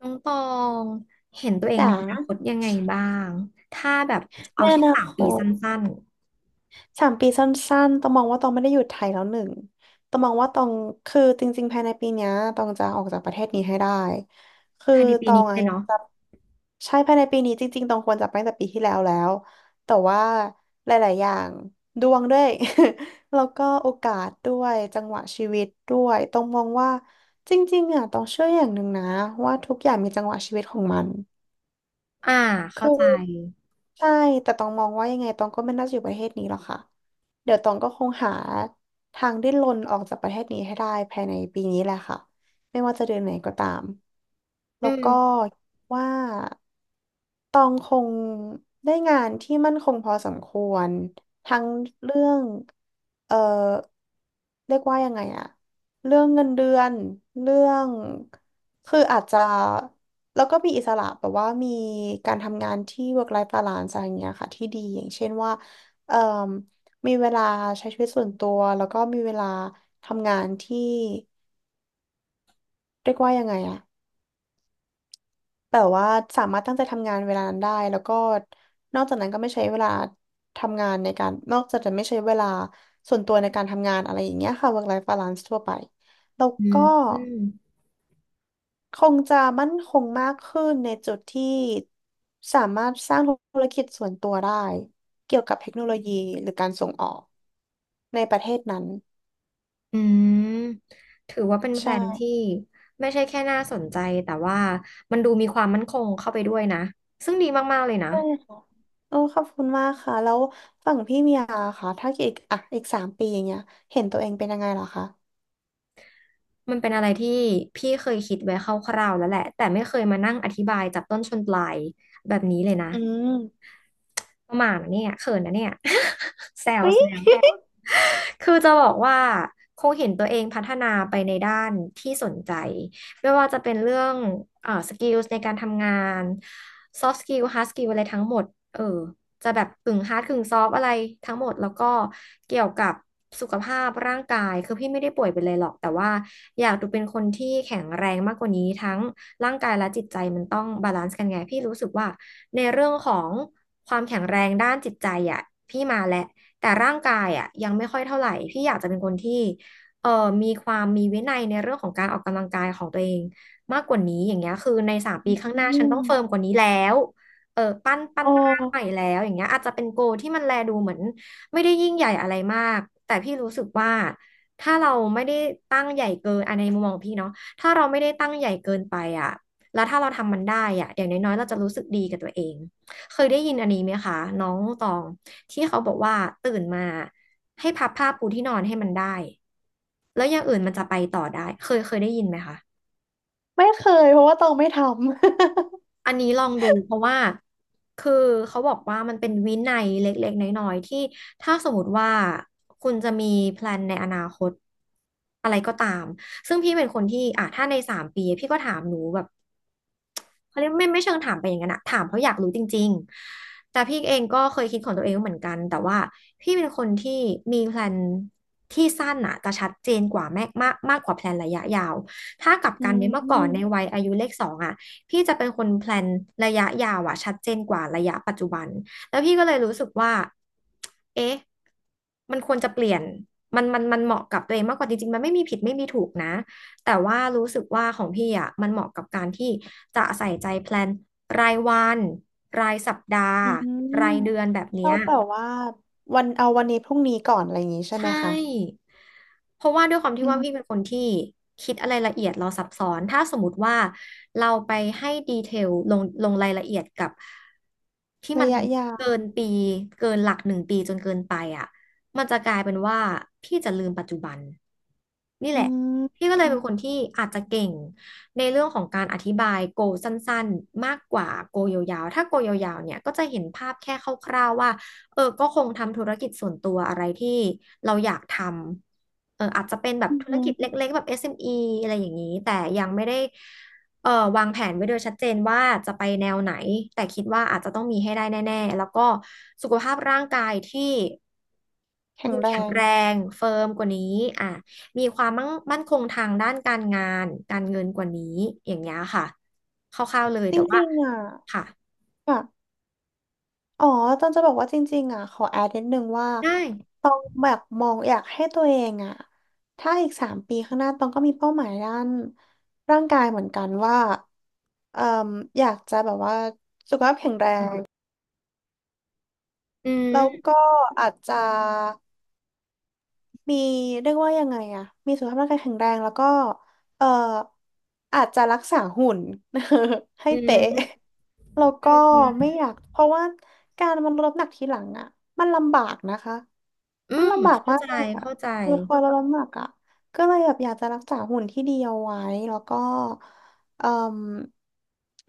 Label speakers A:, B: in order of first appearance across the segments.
A: น้องตองเห็นตัวเอง
B: จ๋า
A: ในอนาคตยังไงบ้างถ้าแบบ
B: ใน
A: เอา
B: อ
A: แค่
B: นา
A: สาม
B: ค
A: ปีส
B: ต
A: ั้น
B: 3 ปีสั้นๆต้องมองว่าตองไม่ได้อยู่ไทยแล้วหนึ่งต้องมองว่าตองคือจริงๆภายในปีเนี้ยตองจะออกจากประเทศนี้ให้ได้คื
A: ๆ
B: อ
A: ภายใน
B: ต
A: ปี
B: อ
A: นี้
B: ง
A: เล
B: อะ
A: ย
B: อยาก
A: เนาะ
B: จะใช่ภายในปีนี้จริงๆตองควรจะไปตั้งแต่ปีที่แล้วแล้วแต่ว่าหลายๆอย่างดวงด้วย แล้วก็โอกาสด้วยจังหวะชีวิตด้วยตองมองว่าจริงๆอะตองเชื่ออย่างหนึ่งนะว่าทุกอย่างมีจังหวะชีวิตของมัน
A: อ่าเข้า
B: คือ
A: ใจ
B: ใช่แต่ตองมองว่ายังไงตองก็ไม่น่าจะอยู่ประเทศนี้หรอกค่ะเดี๋ยวตองก็คงหาทางดิ้นรนออกจากประเทศนี้ให้ได้ภายในปีนี้แหละค่ะไม่ว่าจะเดือนไหนก็ตาม
A: อื
B: แล้ว
A: ม
B: ก็ว่าตองคงได้งานที่มั่นคงพอสมควรทั้งเรื่องเอ่อเรียกว่ายังไงอะเรื่องเงินเดือนเรื่องคืออาจจะ แล้วก็มีอิสระแบบว่ามีการทำงานที่ work life balance อะไรอย่างเงี้ยค่ะที่ดีอย่างเช่นว่าเอ่อมีเวลาใช้ชีวิตส่วนตัวแล้วก็มีเวลาทำงานที่เรียกว่ายังไงอะแบบว่าสามารถตั้งใจทำงานเวลานั้นได้แล้วก็นอกจากนั้นก็ไม่ใช้เวลาทำงานในการนอกจากจะไม่ใช้เวลาส่วนตัวในการทำงานอะไรอย่างเงี้ยค่ะ work life balance ทั่วไปแล้ว
A: อืม
B: ก็
A: อืม
B: คงจะมั่นคงมากขึ้นในจุดที่สามารถสร้างธุรกิจส่วนตัวได้เกี่ยวกับเทคโนโลยีหรือการส่งออกในประเทศนั้น
A: อืมถือว่าเป็นแพลนที่
B: ใช่
A: ไม่ใช่แค่น่าสนใจแต่ว่ามันดูมีความมั่นคงเข้าไปด้วยนะซึ่งดีมากๆเลยนะ
B: ใช่ค่ะโอ้ขอบคุณมากค่ะแล้วฝั่งพี่เมียค่ะถ้าอีกอ่ะอีกสามปีอย่างเงี้ยเห็นตัวเองเป็นยังไงเหรอคะ
A: มันเป็นอะไรที่พี่เคยคิดไว้คร่าวๆแล้วแหละแต่ไม่เคยมานั่งอธิบายจับต้นชนปลายแบบนี้เลยนะ
B: อืม
A: ประมาณนะเนี่ยเขินนะเนี่ย แซว
B: เฮ้
A: แซว
B: ย
A: คือจะบอกว่าคงเห็นตัวเองพัฒนาไปในด้านที่สนใจไม่ว่าจะเป็นเรื่องสกิลในการทำงาน soft skill hard skill อะไรทั้งหมดเออจะแบบกึ่ง hard กึ่ง soft อะไรทั้งหมดแล้วก็เกี่ยวกับสุขภาพร่างกายคือพี่ไม่ได้ป่วยเป็นอะไรหรอกแต่ว่าอยากดูเป็นคนที่แข็งแรงมากกว่านี้ทั้งร่างกายและจิตใจมันต้องบาลานซ์กันไงพี่รู้สึกว่าในเรื่องของความแข็งแรงด้านจิตใจอ่ะพี่มาแล้ว แต่ร่างกายอ่ะยังไม่ค่อยเท่าไหร่พี่อยากจะเป็นคนที่เอ่อมีความมีวินัยในเรื่องของการออกกำลังกายของตัวเองมากกว่านี้อย่างเงี้ยคือในสามปี
B: อื
A: ข้างหน้าฉันต้องเฟิร์ม
B: ม
A: กว่านี้แล้วเออปั้น
B: โอ้
A: ร่างใหม่แล้วอย่างเงี้ยอาจจะเป็นโกลที่มันแลดูเหมือนไม่ได้ยิ่งใหญ่อะไรมากแต่พี่รู้สึกว่าถ้าเราไม่ได้ตั้งใหญ่เกินอันในมุมมองพี่เนาะถ้าเราไม่ได้ตั้งใหญ่เกินไปอ่ะแล้วถ้าเราทำมันได้อ่ะอย่างน้อยๆเราจะรู้สึกดีกับตัวเอง เคยได้ยินอันนี้ไหมคะน้องตองที่เขาบอกว่าตื่นมาให้พับผ้าปูที่นอนให้มันได้แล้วอย่างอื่นมันจะไปต่อได้เคยได้ยินไหมคะ
B: ไม่เคยเพราะว่าตองไม่ท
A: อันนี้ลองดูเพราะว่าคือเขาบอกว่ามันเป็นวินัยเล็กๆน้อยๆที่ถ้าสมมติว่าคุณจะมีแพลนในอนาคตอะไรก็ตามซึ่งพี่เป็นคนที่อ่ะถ้าในสามปีพี่ก็ถามหนูแบบ เขาเรียกไม่เชิงถามไปอย่างนั้นอะถามเพราะอยากรู้จริงๆแต่พี่เองก็เคยคิดของตัวเองเหมือนกันแต่ว่าพี่เป็นคนที่มีแพลนที่สั้นอะจะชัดเจนกว่าแม่มากมากกว่าแพลนระยะยาวถ้ากลับ
B: ำ อื
A: กันเนี่ยเมื่อก่อนใน
B: ม
A: วัยอายุเลขสองอะพี่จะเป็นคนแพลนระยะยาวอะชัดเจนกว่าระยะปัจจุบันแล้วพี่ก็เลยรู้สึกว่าเอ๊ะมันควรจะเปลี่ยนมันเหมาะกับตัวเองมากกว่าจริงๆมันไม่มีผิดไม่มีถูกนะ แต่ว่ารู้สึกว่าของพี่อ่ะมันเหมาะกับการที่จะใส่ใจแพลนรายวันรายสัปดาห์
B: อื
A: รายเดือ
B: ม
A: นแบบ
B: ชอ
A: เนี้ย
B: บแบบว่าวันเอาวันนี้พรุ่งนี้ก่อนอะไรอย่างงี้ใช่
A: ใช
B: ไหมคะ
A: ่ เพราะว่าด้วยความ
B: อื
A: ที่ว่าพี่
B: ม
A: เป็นคนที่คิดอะไรละเอียดเราซับซ้อนถ้าสมมติว่าเราไปให้ดีเทลลงรายละเอียดกับที่
B: ระ
A: มัน
B: ยะยา
A: เกิ
B: ว
A: นปีเกินหลัก1 ปีจนเกินไปอ่ะมันจะกลายเป็นว่าพี่จะลืมปัจจุบันนี่
B: อื
A: แหละ
B: ม
A: พี่ก็เลย
B: อื
A: เป็
B: ม
A: นคนที่อาจจะเก่งในเรื่องของการอธิบายโกสั้นๆมากกว่าโกยาวๆ ถ้าโกยาวๆเนี่ยก็จะเห็นภาพแค่คร่าวๆว่า เออก็คงทำธุรกิจส่วนตัวอะไรที่เราอยากทำเอออาจจะเป็นแบบ
B: อื
A: ธุรกิจ
B: ม
A: เล็กๆแบบเอ m เอมอีอะไรอย่างนี้แต่ยังไม่ได้เออวางแผนไว้โดยชัดเจนว่าจะไปแนวไหนแต่คิดว่าอาจจะต้องมีให้ได้แน่ๆแล้วก็สุขภาพร่างกายที่
B: แข็
A: ดู
B: งแร
A: แข็ง
B: ง
A: แรงเฟิร์มกว่านี้อ่ะมีความมั่นคงทางด้านการงานการเงินกว่านี้อย่างเงี้ยค่ะคร่าวๆเลย
B: จร
A: แต่ว่า
B: ิงๆอ่ะ
A: ค่ะ
B: อ่ะอ๋อตอนจะบอกว่าจริงๆอ่ะขอแอดนิดนึงว่า
A: ได้
B: ตองแบบมองอยากให้ตัวเองอ่ะถ้าอีกสามปีข้างหน้าตองก็มีเป้าหมายด้านร่างกายเหมือนกันว่าเอ่มอยากจะแบบว่าสุขภาพแข็งแรง
A: อื
B: แล้ว
A: ม
B: ก็อาจจะ มีเรียกว่ายังไงอะมีสุขภาพร่างกายแข็งแรงแล้วก็เอ่ออาจจะรักษาหุ่น ให้
A: อืม
B: เป๊ะ
A: อืม
B: แล้วก็
A: อื
B: ไม่
A: ม
B: อยากเพราะว่าการมันลดน้ำหนักทีหลังอะมันลำบากนะคะ
A: อื
B: มัน
A: ม
B: ลำบาก
A: เข้า
B: มาก
A: ใจ
B: เลยอ่ะ
A: เข้าใจ
B: คือคอยลดน้ำหนักอ่ะก็เลยแบบอยากจะรักษาหุ่นที่ดีเอาไว้แล้วก็เอ่ม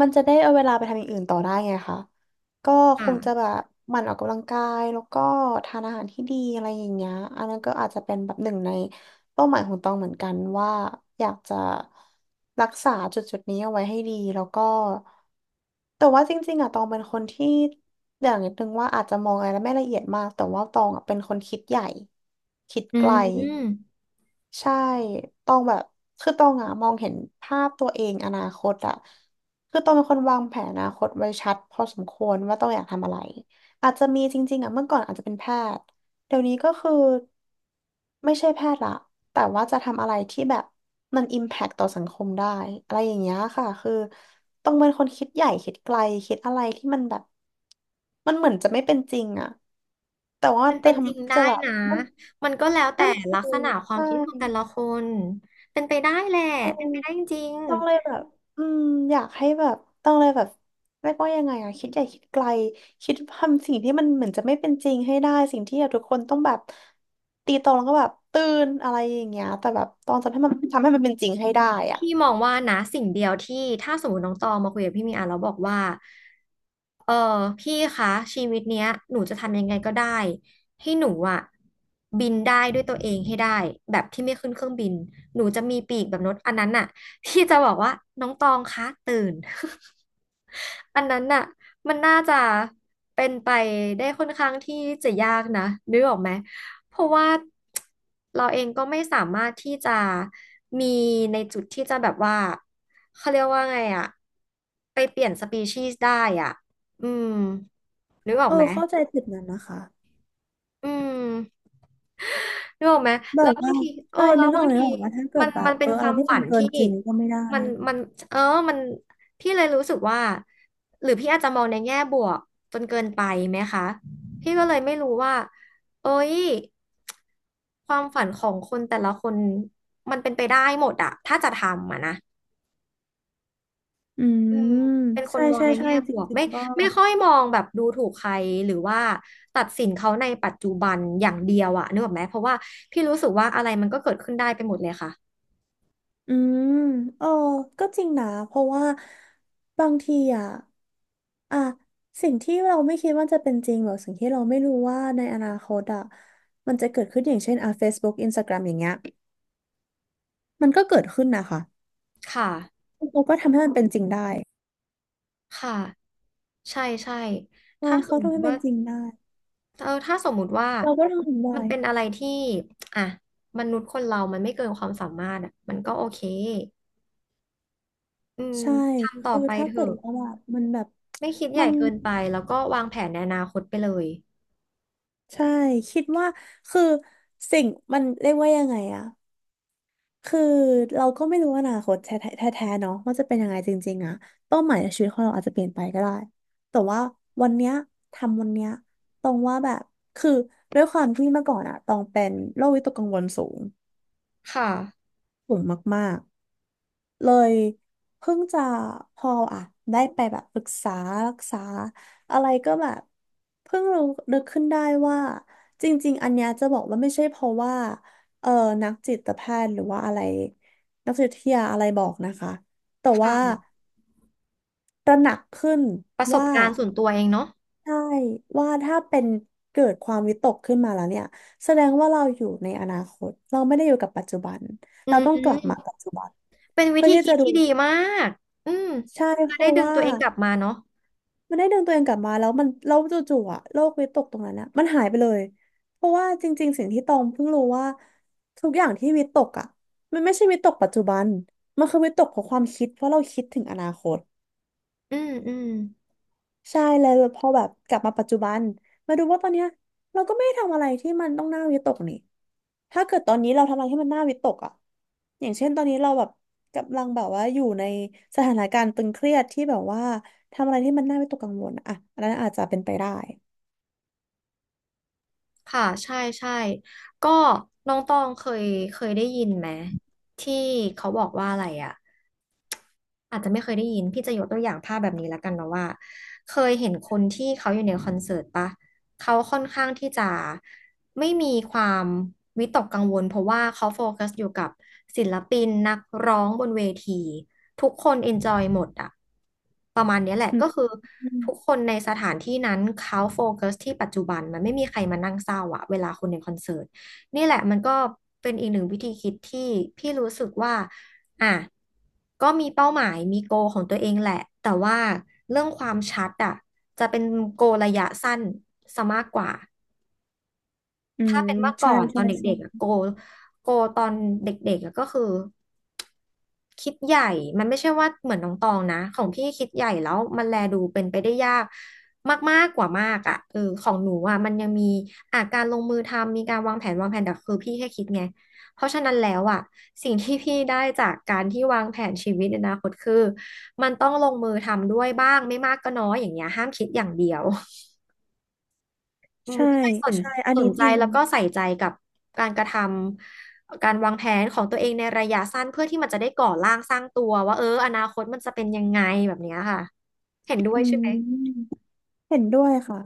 B: มันจะได้เอาเวลาไปทำอย่างอื่นต่อได้ไงคะก็ค
A: ค่ะ
B: งจะแบบหมั่นออกกำลังกายแล้วก็ทานอาหารที่ดีอะไรอย่างเงี้ยอันนั้นก็อาจจะเป็นแบบหนึ่งในเป้าหมายของตองเหมือนกันว่าอยากจะรักษาจุดจุดนี้เอาไว้ให้ดีแล้วก็แต่ว่าจริงๆอะตองเป็นคนที่ เดี๋ยวนิดนึงว่าอาจจะมองอะไรไม่ละเอียดมากแต่ว่าตองอะเป็นคนคิดใหญ่คิด
A: อื
B: ไกล
A: ม
B: ใช่ตองแบบคือตองอ่ะมองเห็นภาพตัวเองอนาคตอ่ะคือตองเป็นคนวางแผนอนาคตไว้ชัดพอสมควรว่าตองอยากทำอะไรอาจจะมีจริงๆอ่ะเมื่อก่อนอาจจะเป็นแพทย์เดี๋ยวนี้ก็คือ ไม่ใช่แพทย์ละแต่ว่าจะทำอะไรที่แบบมันอิมแพคต่อสังคมได้อะไรอย่างเงี้ยค่ะ คือต้องเป็นคนคิดใหญ่คิดไกลคิดอะไรที่มันแบบมันเหมือนจะไม่เป็นจริงอะแต่ว่า
A: มัน
B: จะ
A: เป็นจริง
B: ทำ
A: ได้
B: จะแบบ
A: นะ
B: มัน
A: มันก็แล้วแต่
B: นั่นคื
A: ลัก
B: อ
A: ษณะความ
B: ใช่
A: คิดของแต่ละคนเป็นไปได้แหละ
B: ใช่
A: เป็นไปได้จริง
B: ต้องเลยแบบอืมอยากให้แบบต้องเลยแบบเรียกว่ายังไงอะคิดใหญ่คิดไกลคิดทำสิ่งที่มันเหมือนจะไม่เป็นจริงให้ได้สิ่งที่แบบทุกคนต้องแบบตีตรงแล้วก็แบบตื่นอะไรอย่างเงี้ยแต่แบบต้องทำให้มันเป็นจริงให้ได้อ่ะ
A: พี่มองว่านะสิ่งเดียวที่ถ้าสมมติน้องตองมาคุยกับพี่มีอ่ะแล้วบอกว่าเออพี่คะชีวิตเนี้ยหนูจะทำยังไงก็ได้ให้หนูอ่ะบินได้ด้วยตัวเองให้ได้แบบที่ไม่ขึ้นเครื่องบินหนูจะมีปีกแบบนกอันนั้นน่ะพี่จะบอกว่าน้องตองคะตื่น อันนั้นน่ะมันน่าจะเป็นไปได้ค่อนข้างที่จะยากนะนึกออกไหม เพราะว่าเราเองก็ไม่สามารถที่จะมีในจุดที่จะแบบว่าเขาเรียกว่าไงอะไปเปลี่ยนสปีชีส์ได้อ่ะอืมนึกออ
B: เอ
A: ก
B: อ
A: ไหม
B: เข้าใจจุดนั้นนะคะ
A: อืม นึกออกไหม
B: แบ
A: แล้ว
B: บ
A: บา
B: ว่า
A: งทีเออ
B: ใช่
A: แล้
B: นึ
A: ว
B: กอ
A: บา
B: อก
A: งที
B: ว่าถ้าเกิ
A: มั
B: ด
A: น
B: แบ
A: มั
B: บ
A: นเป็
B: เอ
A: น
B: อ
A: ค
B: อะ
A: วา
B: ไร
A: ม
B: ที่
A: ฝั
B: มัน
A: น
B: เกิน
A: ที่
B: จริงก็ไม่ได้
A: มันมันเออมันพี่เลยรู้สึกว่า หรือพี่อาจจะมองในแง่บวกจนเกินไปไหมคะ พี่ก็เลยไม่รู้ว่าเอ้ย ความฝันของคนแต่ละคน มันเป็นไปได้หมดอะ ถ้าจะทำอะนะ
B: อืม
A: อืมเป็นค
B: ใช่
A: นมองในแง่
B: จ
A: บวก
B: ริง
A: ไม่
B: ๆก็
A: ไม่ค่อยมองแบบดูถูกใครหรือว่าตัดสินเขาในปัจจุบันอย่างเดียวอะนึกออกไหมเพราะว่าพี่รู้สึกว่าอะไรมันก็เกิดขึ้นได้ไปหมดเลยค่ะ
B: อืมเออก็จริงนะเพราะว่าบางทีอ่ะอ่ะสิ่งที่เราไม่คิดว่าจะเป็นจริงหรือสิ่งที่เราไม่รู้ว่าในอนาคตอ่ะมันจะเกิดขึ้นอย่างเช่นอ่ะ Facebook Instagram อย่างเงี้ยมันก็เกิดขึ้นนะคะ
A: ค่ะ
B: เราก็ทำให้มันเป็นจริงได้
A: ค่ะใช่ใช่
B: ใช่
A: ถ้าส
B: เขา
A: มม
B: ทำให้
A: ติ
B: เป็
A: ว่า
B: นจริงได้
A: เออถ้าสมมุติว่า
B: เราก็ทำถึง
A: มั
B: ได้
A: นเป็นอะไรที่อ่ะมนุษย์คนเรามันไม่เกินความสามารถอะมันก็โอเคอืม
B: ใช่
A: ทำต่อ
B: คือ
A: ไป
B: ถ้า
A: เถ
B: เกิด
A: อะ
B: ว่าแบบมันแบบ
A: ไม่คิดให
B: มั
A: ญ่
B: น
A: เกินไปแล้วก็วางแผนในอนาคตไปเลย
B: ใช่คิดว่าคือสิ่งมันเรียกว่ายังไงอะ คือเราก็ไม่รู้อนาคตแท้ๆแท้ๆเนาะว่าจะเป็นยังไงจริงๆอะเป้าหมายในชีวิตของเราอาจจะเปลี่ยนไปก็ได้แต่ว่าวันเนี้ยทำวันเนี้ยตรงว่าแบบคือด้วยความที่เมื่อก่อนอะตองเป็นโรควิตกกังวลสูง
A: ค่ะ
B: สูงมากๆ เลยเพิ่งจะพออ่ะได้ไปแบบปรึกษารักษาอะไรก็แบบเพิ่งรู้นึกขึ้นได้ว่าจริงๆ อันเนี้ยจะบอกว่าไม่ใช่เพราะว่าเออนักจิตแพทย์หรือว่าอะไรนักจิตวิทยาอะไรบอกนะคะแต่
A: ค
B: ว่า
A: ่ะ
B: ตระหนักขึ้น
A: ประสบ
B: ว่า
A: การณ์ส่วนตัวเองเนาะ
B: ใช่ว่าถ้าเป็นเกิดความวิตกขึ้นมาแล้วเนี่ยแสดงว่าเราอยู่ในอนาคตเราไม่ได้อยู่กับปัจจุบัน
A: อื
B: เรา
A: ม
B: ต้องกลับมาปัจจุบัน
A: เป็นวิ
B: เพื่อ
A: ธี
B: ที่
A: คิ
B: จะ
A: ด
B: ดู
A: ที่ดีมาก อืม
B: ใช่
A: จะ
B: เพ
A: ได้
B: ราะ
A: ดึง
B: ว่า
A: ตัวเองกลับมาเนาะ
B: มันได้ดึงตัวเองกลับมาแล้วมันเราจู่ๆอะโลกวิตกตรงนั้นอะมันหายไปเลยเพราะว่าจริงๆสิ่งที่ตองเพิ่งรู้ว่าทุกอย่างที่วิตกอะมันไม่ใช่วิตกปัจจุบันมันคือวิตกของความคิดเพราะเราคิดถึงอนาคต
A: อืมอืม
B: ใช่เลยพอแบบกลับมาปัจจุบันมาดูว่าตอนเนี้ยเราก็ไม่ได้ทำอะไรที่มันต้องน่าวิตกนี่ถ้าเกิดตอนนี้เราทำอะไรที่มันน่าวิตกอ่ะอย่างเช่นตอนนี้เราแบบกำลังแบบว่าอยู่ในสถานการณ์ตึงเครียดที่แบบว่าทำอะไรที่มันน่าวิตกกังวลอะอ่ะอันนั้นอาจจะเป็นไปได้
A: ค่ะใช่ ใช่ ก็น้องตองเคย เคยได้ยินไหมที่เขาบอกว่าอะไรอะ อาจจะไม่เคยได้ยินพี่จะยกตัวอย่างภาพแบบนี้แล้วกันเนาะว่าเคยเห็นคนที่เขาอยู่ในคอนเสิร์ตปะเขาค่อนข้างที่จะไม่มีความวิตกกังวลเพราะว่าเขาโฟกัสอยู่กับศิลปินนักร้องบนเวทีทุกคนเอนจอยหมดอะประมาณเนี้ยแหละ
B: อืม
A: ก็คือ
B: อืม
A: ทุกคนในสถานที่นั้นเขาโฟกัสที่ปัจจุบันมันไม่มีใครมานั่งเศร้าอะเวลาคนในคอนเสิร์ตนี่แหละมันก็เป็นอีกหนึ่งวิธีคิดที่พี่รู้สึกว่า อ่ะก็มีเป้าหมายมีโกของตัวเองแหละแต่ว่าเรื่องความชัดอ่ะจะเป็นโกระยะสั้นซะมากกว่า
B: อื
A: ถ้า
B: ม
A: เป็นเมื่อก่อ
B: ใช่
A: นตอ
B: ใช่
A: นเด็กๆอะโก
B: ใช่
A: โกตอนเด็กๆอะก็คือคิดใหญ่มันไม่ใช่ว่าเหมือนน้องตองนะของพี่คิดใหญ่แล้วมันแลดูเป็นไปได้ยากมากๆกว่ามากอ่ะเออของหนูอ่ะมันยังมีอาการลงมือทำมีการวางแผนวางแผนแต่คือพี่แค่คิดไงเพราะฉะนั้นแล้วอ่ะสิ่งที่พี่ได้จากการที่วางแผนชีวิตในอนาคตคือมันต้องลงมือทำด้วยบ้างไม่มากก็น้อยอย่างเงี้ยห้ามคิดอย่างเดียว อืม
B: ใช่
A: ก็เลยสน
B: ใช่อัน
A: ส
B: นี้
A: นใจ
B: จริง
A: แล้วก็ใส่ใจกับการกระทำการวางแผนของตัวเองในระยะสั้นเพื่อที่มันจะได้ก่อร่างสร้างตัวว่าเอออนาคตมันจะเป็นยังไงแบบเนี้ยค่ะเห็นด้วย
B: อื
A: ใช่ไหม
B: มเห็นด้วยค่ะ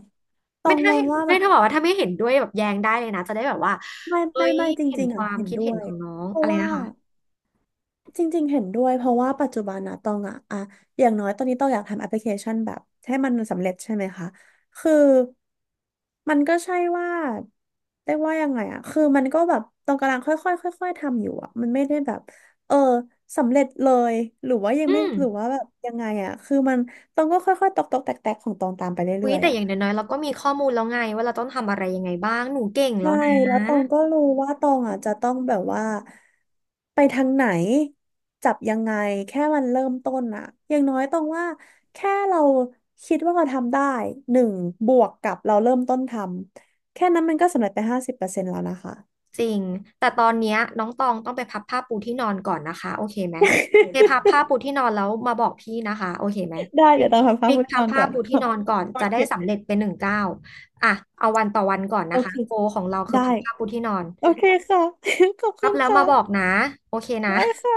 B: ตอ
A: ไม่
B: ง
A: ถ้า
B: มองว่าแบ
A: ไม่
B: บ
A: ถ้าบอกว่าถ้าไม่เห็นด้วยแบบแย้งได้เลยนะจะได้แบบว่า
B: ไม่
A: เอ้
B: ไม่
A: ย
B: ไม่จ
A: เห็น
B: ริง
A: ค
B: ๆอ่ะ
A: วาม
B: เห็น
A: คิด
B: ด้
A: เห็
B: ว
A: น
B: ย
A: ของน้อง
B: เพราะ
A: อะไร
B: ว่า
A: นะคะ
B: จริงๆเห็นด้วยเพราะว่าปัจจุบันนะตองอย่างน้อยตอนนี้ตองอยากทำแอปพลิเคชันแบบให้มันสำเร็จใช่ไหมคะคือมันก็ใช่ว่าเรียกว่ายังไงอะคือมันก็แบบตองกำลังค่อยๆค่อยๆทำอยู่อะมันไม่ได้แบบเออสำเร็จเลยหรือว่ายัง
A: อื
B: ไม่
A: ม
B: หรือว่าแบบยังไงอะคือมันตองก็ค่อยๆตอกๆแตกๆของตองตามไป
A: อุ๊
B: เรื่
A: ย
B: อย
A: แต่
B: ๆอะ
A: อย่างน้อยๆเราก็มีข้อมูลแล้วไงว่าเราต้องทำอะไรยังไงบ้างหนูเก่งแล้ว
B: ใช่
A: นะ
B: แล้วตองก็รู้ว่าตองอ่ะจะต้องแบบว่าไปทางไหนจับยังไงแค่มันเริ่มต้นอ่ะอย่างน้อยตองว่าแค่เราคิดว่าเราทำได้หนึ่งบวกกับเราเริ่มต้นทำแค่นั้นมันก็สำเร็จไป50%แล้วนะคะ
A: จริงแต่ตอนเนี้ยน้องตองต้องไปพับผ้าปูที่นอนก่อนนะคะโอเคไหมไปพับผ้า ปูที่นอนแล้วมาบอกพี่นะคะโอเคไหม
B: ได้
A: พลิ
B: เดี๋ย
A: ก
B: วตองพัก
A: พลิก
B: ผ่อน
A: พั
B: น
A: บ
B: อน
A: ผ้า
B: ก่อน
A: ปูที่นอนก่อน
B: โอ
A: จะ
B: เค
A: ได้สำเร็จเป็นหนึ่งเก้าวอ่ะเอาวันต่อวันก่อน
B: โอ
A: นะคะ
B: เค
A: โกของเราคือ
B: ได้
A: พับผ้าปูที่นอน
B: โอเคค่ะ ขอบคุ
A: พับ
B: ณ
A: แล้ว
B: ค่ะ
A: มาบอกนะโอเคนะ
B: ได้ค่ะ